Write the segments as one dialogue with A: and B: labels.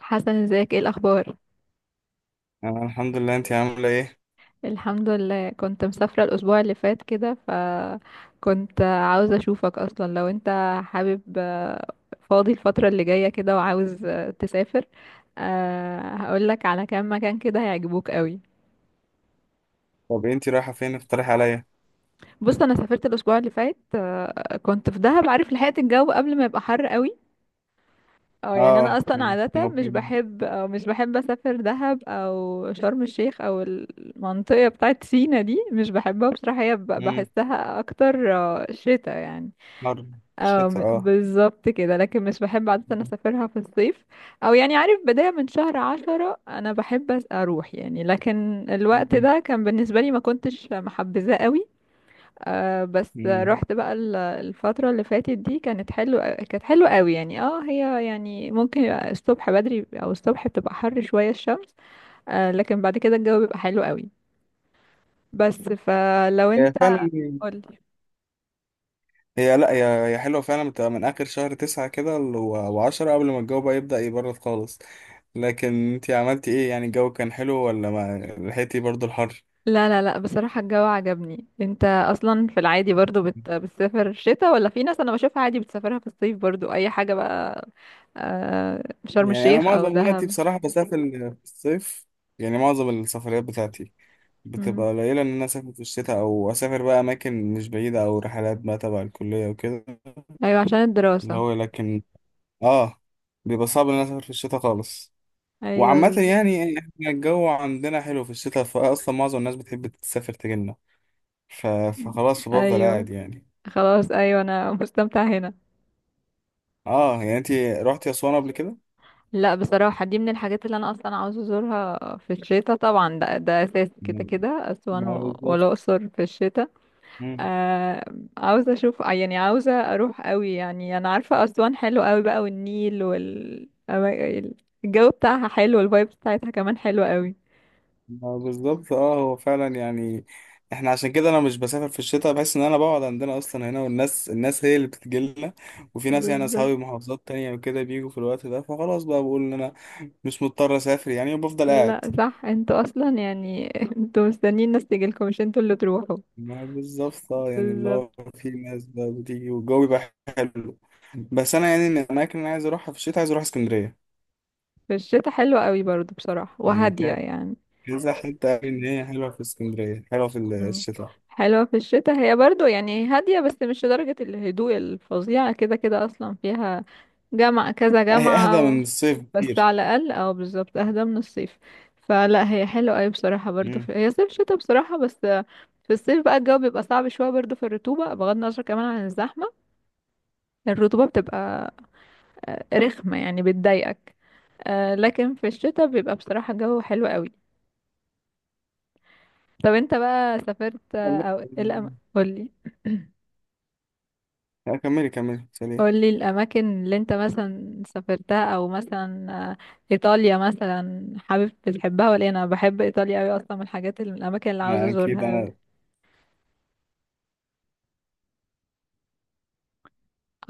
A: حسن ازيك ايه الاخبار؟
B: انا الحمد لله. انت عامله ايه؟
A: الحمد لله، كنت مسافرة الاسبوع اللي فات كده، فكنت عاوزة اشوفك اصلا لو انت حابب، فاضي الفترة اللي جاية كده وعاوز تسافر. هقولك على كام مكان كده هيعجبوك قوي.
B: طب انت رايحه فين؟ اقترح عليا.
A: بص انا سافرت الاسبوع اللي فات، كنت في دهب، عارف لحقت الجو قبل ما يبقى حر قوي. اه يعني انا
B: اه،
A: اصلا
B: مم.
A: عاده مش بحب او مش بحب اسافر دهب او شرم الشيخ او المنطقه بتاعت سينا دي، مش بحبها بصراحه، هي
B: مم.
A: بحسها اكتر شتا يعني.
B: حر. الشتاء، اه.
A: بالظبط كده، لكن مش بحب عاده اسافرها في الصيف. او يعني عارف بدايه من شهر عشرة انا بحب اروح يعني، لكن الوقت
B: مم.
A: ده كان بالنسبه لي ما كنتش محبذاه قوي. آه بس
B: مم.
A: رحت بقى الفترة اللي فاتت دي، كانت حلوة قوي يعني. اه هي يعني ممكن يبقى الصبح بدري او الصبح بتبقى حر شوية الشمس، آه لكن بعد كده الجو بيبقى حلو قوي. بس فلو
B: هي
A: انت
B: فعلا.
A: قولي.
B: لا، هي حلوه فعلا، بتبقى من اخر شهر تسعة كده وعشرة، قبل ما الجو بقى يبدأ يبرد خالص. لكن انت عملتي ايه؟ يعني الجو كان حلو ولا ما لحقتي برضو الحر؟
A: لا، بصراحة الجو عجبني. انت اصلا في العادي برضو بتسافر شتاء، ولا في ناس انا بشوفها عادي بتسافرها في الصيف برضو، اي حاجة بقى، شرم
B: يعني انا
A: الشيخ او
B: معظم وقتي
A: دهب.
B: بصراحه بسافر في الصيف، يعني معظم السفريات بتاعتي
A: مم.
B: بتبقى قليلة إن أنا أسافر في الشتاء، أو أسافر بقى أماكن مش بعيدة أو رحلات بقى تبع الكلية وكده،
A: ايوه عشان
B: اللي
A: الدراسة.
B: هو لكن آه بيبقى صعب إن أنا أسافر في الشتاء خالص.
A: ايوه
B: وعامة
A: بالظبط.
B: يعني إحنا الجو عندنا حلو في الشتاء، فأصلا معظم الناس بتحب تسافر تجيلنا، فخلاص فبفضل
A: ايوه
B: قاعد يعني.
A: خلاص، ايوه انا مستمتعه هنا.
B: آه، يعني أنتي روحتي أسوان قبل كده؟
A: لا بصراحه دي من الحاجات اللي انا اصلا عاوزه ازورها في الشتاء طبعا، ده اساسي
B: ما
A: كده كده، اسوان
B: ما بالظبط.
A: والاقصر في الشتاء. آه عاوزه اشوف يعني، عاوزه اروح قوي يعني، انا عارفه اسوان حلو قوي بقى والنيل الجو بتاعها حلو والفايب بتاعتها كمان حلوه قوي.
B: ما بالظبط، اه، هو فعلا يعني احنا عشان كده انا مش بسافر في الشتاء، بحس ان انا بقعد عندنا اصلا هنا، والناس هي اللي بتجيلنا. وفي ناس يعني
A: بالظبط.
B: اصحابي محافظات تانية وكده بيجوا في الوقت ده، فخلاص بقى بقول ان انا مش مضطر اسافر يعني، وبفضل قاعد.
A: لا صح انتوا اصلا يعني انتوا مستنيين الناس تيجي لكم مش انتوا اللي تروحوا.
B: ما بالظبط، اه يعني اللي هو
A: بالظبط.
B: في ناس بقى بتيجي والجو بيبقى حلو. بس انا يعني من الاماكن اللي أنا عايز اروحها في الشتاء، عايز اروح اسكندرية.
A: في الشتاء حلوه قوي برضو بصراحه،
B: يعني
A: وهاديه يعني.
B: كذا حتة قال ان هي حلوة في اسكندرية، حلوة في
A: مم.
B: الشتاء.
A: حلوة في الشتاء هي برضو يعني هادية، بس مش لدرجة الهدوء الفظيعة، كده كده أصلا فيها جامعة كذا
B: لا، هي اهدى
A: جامعة
B: من الصيف
A: بس على
B: كتير.
A: الأقل، أو بالظبط أهدى من الصيف. فلا هي حلوة أوي بصراحة برضو،
B: مم.
A: هي صيف شتاء بصراحة، بس في الصيف بقى الجو بيبقى صعب شوية برضو، في الرطوبة، بغض النظر كمان عن الزحمة. الرطوبة بتبقى رخمة يعني، بتضايقك. لكن في الشتاء بيبقى بصراحة الجو حلو أوي. طب انت بقى سافرت أو إيه قولي.
B: لا، كملي كملي سليم.
A: قولي الأماكن اللي انت مثلا سافرتها، أو مثلا، إيطاليا مثلا حابب بتحبها ولا إيه؟ أنا بحب إيطاليا أوي، أصلا من الحاجات اللي، من الأماكن اللي عاوزة
B: ما اكيد
A: أزورها
B: انا.
A: أوي.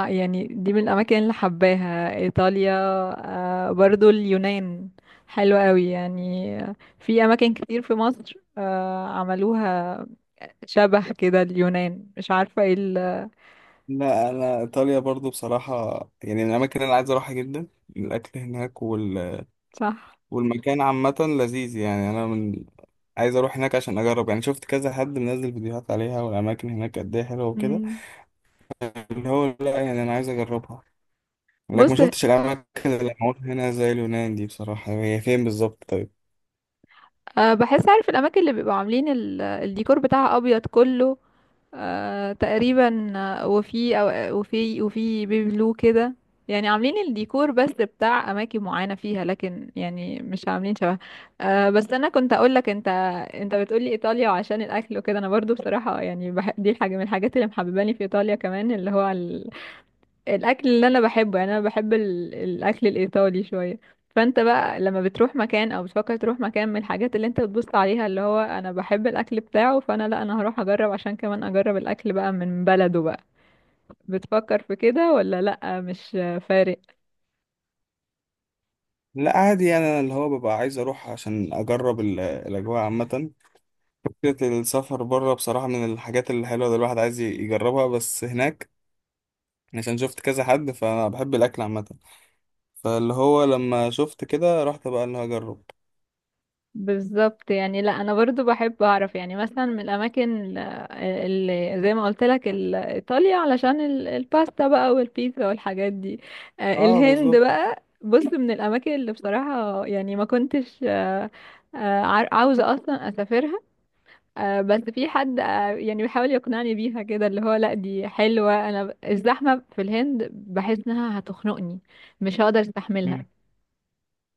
A: يعني دي من الأماكن اللي حباها إيطاليا، برضو اليونان حلوة أوي يعني. في أماكن كتير في مصر عملوها شبه كده اليونان، مش عارفة ايه
B: لا، انا ايطاليا برضو بصراحه، يعني من الاماكن اللي انا عايز اروحها جدا. الاكل هناك
A: صح.
B: والمكان عامه لذيذ، يعني انا عايز اروح هناك عشان اجرب. يعني شفت كذا حد منزل فيديوهات عليها، والاماكن هناك قد ايه حلوه وكده،
A: مم.
B: اللي هو لا يعني انا عايز اجربها. لكن
A: بص
B: ما شفتش الاماكن اللي معموله هنا زي اليونان دي بصراحه. هي فين بالظبط طيب؟
A: بحس عارف الأماكن اللي بيبقوا عاملين الديكور بتاعها أبيض كله، آه تقريبا، آه، وفي أو وفي وفي بيبي بلو كده، يعني عاملين الديكور بس بتاع اماكن معينه فيها، لكن يعني مش عاملين شبه. آه بس انا كنت اقول لك انت، انت بتقولي ايطاليا وعشان الاكل وكده، انا برضو بصراحه يعني دي حاجه من الحاجات اللي محبباني في ايطاليا كمان، اللي هو الاكل اللي انا بحبه يعني، انا بحب الاكل الايطالي شويه. فانت بقى لما بتروح مكان او بتفكر تروح مكان، من الحاجات اللي انت بتبص عليها اللي هو انا بحب الاكل بتاعه، فانا لا انا هروح اجرب عشان كمان اجرب الاكل بقى من بلده بقى. بتفكر في كده ولا لا مش فارق؟
B: لا عادي يعني انا اللي هو ببقى عايز اروح عشان اجرب الاجواء عامه. فكرة السفر بره بصراحة من الحاجات الحلوة اللي الواحد عايز يجربها. بس هناك عشان شفت كذا حد فأنا بحب الأكل عامة، فاللي هو لما شفت كده رحت بقى اللي هجرب.
A: بالظبط يعني، لا انا برضو بحب اعرف يعني، مثلا من الاماكن اللي زي ما قلت لك ايطاليا، علشان الباستا بقى والبيتزا والحاجات دي.
B: اه
A: الهند
B: بالظبط.
A: بقى بص، من الاماكن اللي بصراحة يعني ما كنتش عاوزة اصلا اسافرها. بس في حد يعني بيحاول يقنعني بيها كده، اللي هو لا دي حلوة، انا الزحمة في الهند بحس انها هتخنقني، مش هقدر استحملها.
B: مم.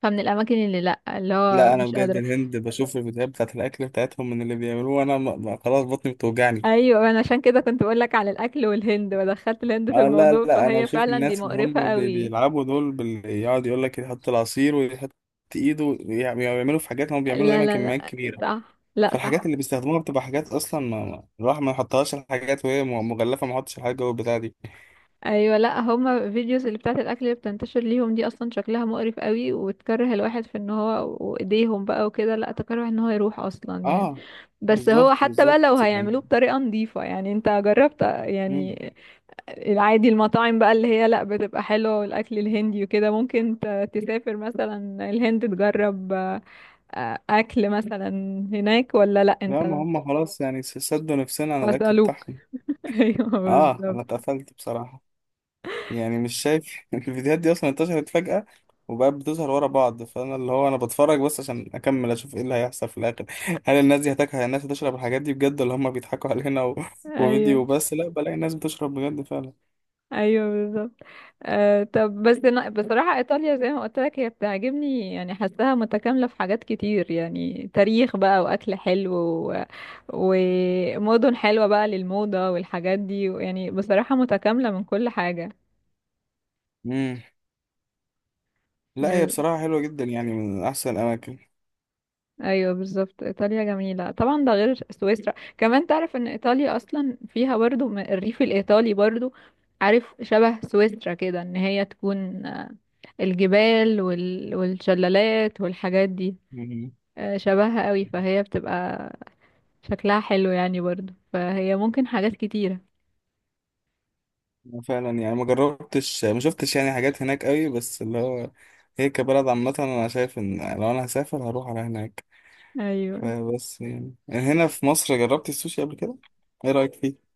A: فمن الاماكن اللي لا اللي هو
B: لا أنا
A: مش
B: بجد
A: قادرة.
B: الهند بشوف الفيديوهات بتاعت الأكل بتاعتهم من اللي بيعملوه أنا خلاص بطني بتوجعني.
A: ايوه انا عشان كده كنت بقول لك على الاكل والهند، ودخلت الهند في
B: اه لا
A: الموضوع،
B: لا، أنا
A: فهي
B: بشوف
A: فعلا دي
B: الناس اللي
A: مقرفة
B: هم
A: قوي.
B: بيلعبوا دول يقعد يقول لك يحط العصير ويحط إيده ويعملوا في حاجات، هم بيعملوا
A: لا
B: دايما
A: لا
B: كميات
A: لا
B: كبيرة.
A: صح، لا
B: فالحاجات
A: صح.
B: اللي بيستخدموها بتبقى حاجات اصلا ما الواحد ما يحطهاش، الحاجات وهي مغلفه ما يحطش الحاجات جوه البتاع دي.
A: ايوه لا هما فيديوز اللي بتاعت الاكل اللي بتنتشر ليهم دي اصلا شكلها مقرف قوي، وتكره الواحد في ان هو وايديهم بقى وكده، لا تكره ان هو يروح اصلا يعني.
B: اه
A: بس هو
B: بالظبط
A: حتى بقى لو
B: بالظبط يعني.
A: هيعملوه بطريقة نظيفة يعني، انت جربت
B: مم.
A: يعني العادي المطاعم بقى اللي هي لا بتبقى حلوة والاكل الهندي وكده، ممكن تسافر مثلا الهند تجرب اكل مثلا هناك، ولا لا
B: لا، ما
A: انت؟
B: هم خلاص يعني سدوا نفسنا على الاكل
A: واسالوك
B: بتاعهم.
A: ايوه
B: اه
A: بالظبط.
B: انا اتقفلت بصراحه. يعني مش شايف الفيديوهات دي اصلا انتشرت فجاه، وبقت بتظهر ورا بعض، فانا اللي هو انا بتفرج بس عشان اكمل اشوف ايه اللي هيحصل في الاخر. هل الناس دي هتاكل؟ هل الناس هتشرب الحاجات دي بجد ولا هم بيضحكوا علينا
A: ايوه.
B: وفيديو بس؟ لا بلاقي الناس بتشرب بجد فعلا.
A: ايوه بالظبط. آه طب بس أنا بصراحه ايطاليا زي ما قلت لك هي بتعجبني يعني، حاساها متكامله في حاجات كتير يعني، تاريخ بقى واكل حلو ومدن حلوه بقى للموضه والحاجات دي يعني، بصراحه متكامله من كل حاجه.
B: مم. لا، هي
A: من
B: بصراحة حلوة جدا، يعني من أحسن الأماكن.
A: ايوه بالظبط، ايطاليا جميله طبعا، ده غير سويسرا كمان، تعرف ان ايطاليا اصلا فيها برضو الريف الايطالي برضو، عارف شبه سويسرا كده، ان هي تكون الجبال والشلالات والحاجات دي،
B: مم.
A: شبهها قوي، فهي بتبقى شكلها حلو يعني برضو، فهي ممكن حاجات كتيره.
B: فعلا يعني ما جربتش ما شفتش يعني حاجات هناك قوي. بس اللي هو هي كبلد عامة أنا شايف إن لو أنا هسافر هروح على هناك.
A: ايوه.
B: فبس يعني هنا في مصر جربت السوشي قبل كده. إيه رأيك فيه؟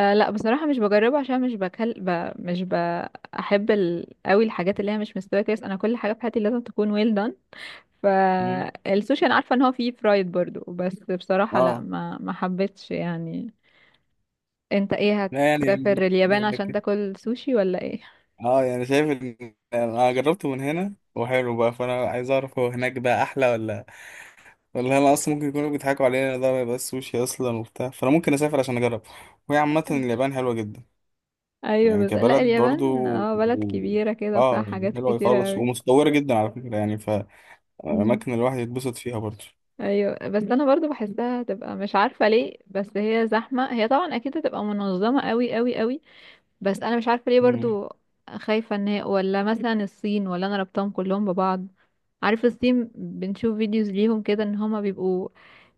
A: أه لا بصراحه مش بجربه، عشان مش بكل مش بحب قوي الحاجات اللي هي مش مستويه كويس، انا كل حاجه في حياتي لازم تكون ويل done.
B: مم.
A: فالسوشي انا عارفه ان هو فيه فرايد برضو، بس بصراحه لا
B: آه.
A: ما حبيتش يعني. انت ايه،
B: لا يعني
A: هتسافر اليابان عشان
B: لكن-
A: تاكل سوشي ولا ايه؟
B: آه، يعني شايف إن أنا جربته من هنا وحلو بقى، فأنا عايز أعرف هو هناك بقى أحلى ولا. والله انا اصلا ممكن يكونوا بيضحكوا علينا، ده ما يبقاش سوشي اصلا وبتاع، فانا ممكن اسافر عشان اجرب. وهي عامه اليابان حلوه جدا.
A: ايوه
B: يعني
A: بس لا
B: كبلد برضو
A: اليابان اه بلد
B: و-
A: كبيره كده وفيها
B: اه يعني
A: حاجات
B: حلوه
A: كتيره
B: خالص
A: قوي.
B: ومتطوره جدا على فكره يعني،
A: مم.
B: فاماكن الواحد يتبسط فيها برضو.
A: ايوه بس انا برضو بحسها تبقى مش عارفه ليه، بس هي زحمه، هي طبعا اكيد هتبقى منظمه قوي قوي قوي، بس انا مش عارفه ليه
B: مم.
A: برضو، خايفه ان هي، ولا مثلا الصين، ولا انا ربطهم كلهم ببعض. عارف الصين بنشوف فيديوز ليهم كده ان هما بيبقوا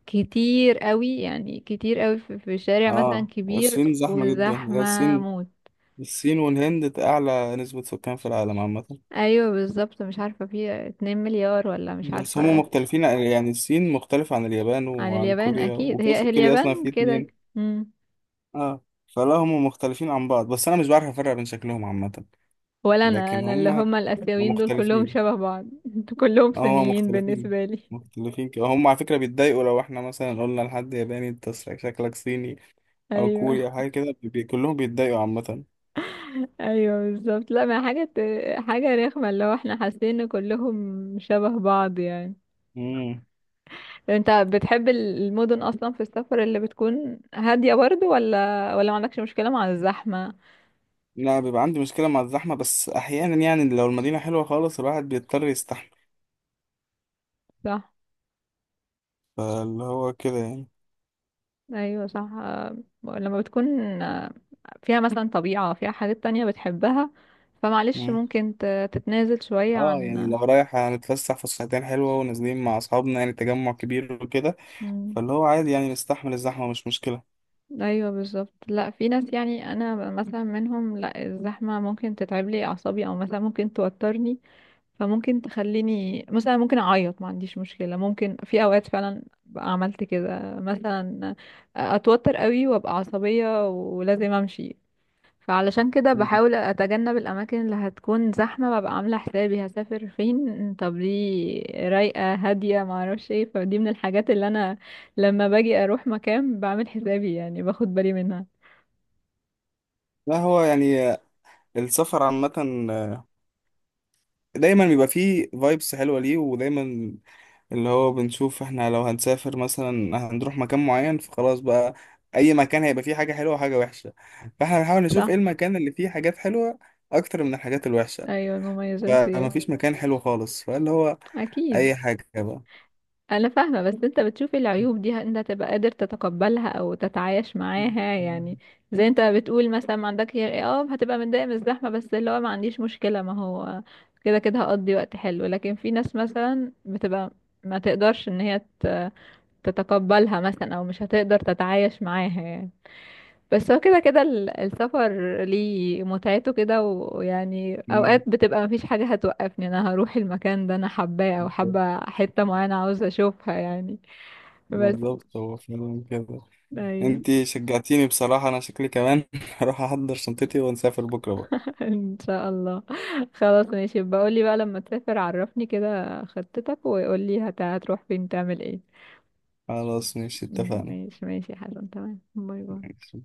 A: كتير قوي يعني، كتير قوي في شارع مثلا
B: اه
A: كبير
B: الصين زحمه جدا، هي
A: وزحمه
B: الصين.
A: موت.
B: الصين والهند اعلى نسبه سكان في العالم عامه.
A: ايوه بالظبط، مش عارفه في 2 مليار ولا مش
B: بس هم
A: عارفه.
B: مختلفين، يعني الصين مختلفه عن اليابان
A: عن
B: وعن
A: اليابان
B: كوريا،
A: اكيد، هي هي
B: وكوريا اصلا
A: اليابان
B: في
A: كده.
B: اتنين.
A: مم.
B: اه. فلا هم مختلفين عن بعض، بس انا مش بعرف افرق بين شكلهم عامه.
A: ولا انا،
B: لكن هم
A: اللي
B: هم
A: هما الاسيويين دول كلهم
B: مختلفين.
A: شبه بعض كلهم
B: اه هم
A: صينيين
B: مختلفين،
A: بالنسبه لي.
B: مختلفين كده، هم على فكرة بيتضايقوا لو احنا مثلا قلنا لحد ياباني انت شكلك صيني او
A: ايوه.
B: كوري او حاجة كده كلهم بيتضايقوا عامة.
A: ايوه بالظبط، لا ما حاجه، حاجه رخمه، اللي هو احنا حاسين ان كلهم شبه بعض يعني.
B: امم.
A: انت بتحب المدن اصلا في السفر اللي بتكون هاديه برضو، ولا ولا ما عندكش مشكله مع الزحمه؟
B: لا بيبقى عندي مشكلة مع الزحمة، بس أحيانا يعني لو المدينة حلوة خالص الواحد بيضطر يستحمل،
A: صح.
B: فاللي هو كده يعني.
A: ايوه صح، لما بتكون آه، فيها مثلا طبيعه فيها حاجات تانية بتحبها، فمعلش
B: مم.
A: ممكن تتنازل شويه
B: اه يعني
A: عن.
B: لو رايح هنتفسح فسحتين حلوة ونازلين مع أصحابنا يعني تجمع كبير وكده،
A: مم.
B: فاللي هو عادي يعني نستحمل الزحمة مش مشكلة.
A: ايوه بالظبط، لا في ناس يعني انا مثلا منهم، لا الزحمه ممكن تتعب لي اعصابي، او مثلا ممكن توترني، فممكن تخليني مثلا ممكن اعيط، ما عنديش مشكله، ممكن في اوقات فعلا بقى عملت كده مثلا، اتوتر قوي وابقى عصبيه ولازم امشي. فعلشان كده
B: مم.
A: بحاول اتجنب الاماكن اللي هتكون زحمه، ببقى عامله حسابي هسافر فين، طب دي رايقه هاديه ما اعرفش ايه، فدي من الحاجات اللي انا لما باجي اروح مكان بعمل حسابي يعني، باخد بالي منها.
B: لا هو يعني السفر عامة دايما بيبقى فيه فايبس حلوة ليه، ودايما اللي هو بنشوف احنا لو هنسافر مثلا هنروح مكان معين، فخلاص بقى اي مكان هيبقى فيه حاجة حلوة وحاجة وحشة، فاحنا بنحاول نشوف ايه
A: صح.
B: المكان اللي فيه حاجات حلوة اكتر من الحاجات الوحشة،
A: ايوه المميزات دي.
B: فمفيش مكان حلو خالص، فاللي هو
A: اكيد.
B: اي حاجة بقى.
A: انا فاهمة، بس انت بتشوف العيوب دي انت تبقى قادر تتقبلها او تتعايش معاها يعني، زي انت بتقول مثلا ما عندك هتبقى متضايق من الزحمة، بس اللي هو ما عنديش مشكلة، ما هو كده كده هقضي وقت حلو. لكن في ناس مثلا بتبقى ما تقدرش ان هي تتقبلها مثلا، او مش هتقدر تتعايش معاها يعني. بس هو كده كده السفر ليه متعته كده، ويعني
B: مم.
A: اوقات بتبقى مفيش حاجة هتوقفني، انا هروح المكان ده انا حباه، او
B: بالظبط،
A: حابة حتة معينة عاوزة اشوفها يعني. بس.
B: بالظبط، هو فعلا كده.
A: ايوه.
B: انتي شجعتيني بصراحة، انا شكلي كمان هروح احضر شنطتي ونسافر بكرة بقى.
A: ان شاء الله. خلاص ماشي، بقولي بقى لما تسافر عرفني كده خطتك وقولي هتروح فين تعمل ايه.
B: خلاص ماشي، اتفقنا.
A: ماشي ماشي يا حسن، تمام، باي باي.
B: ماشي.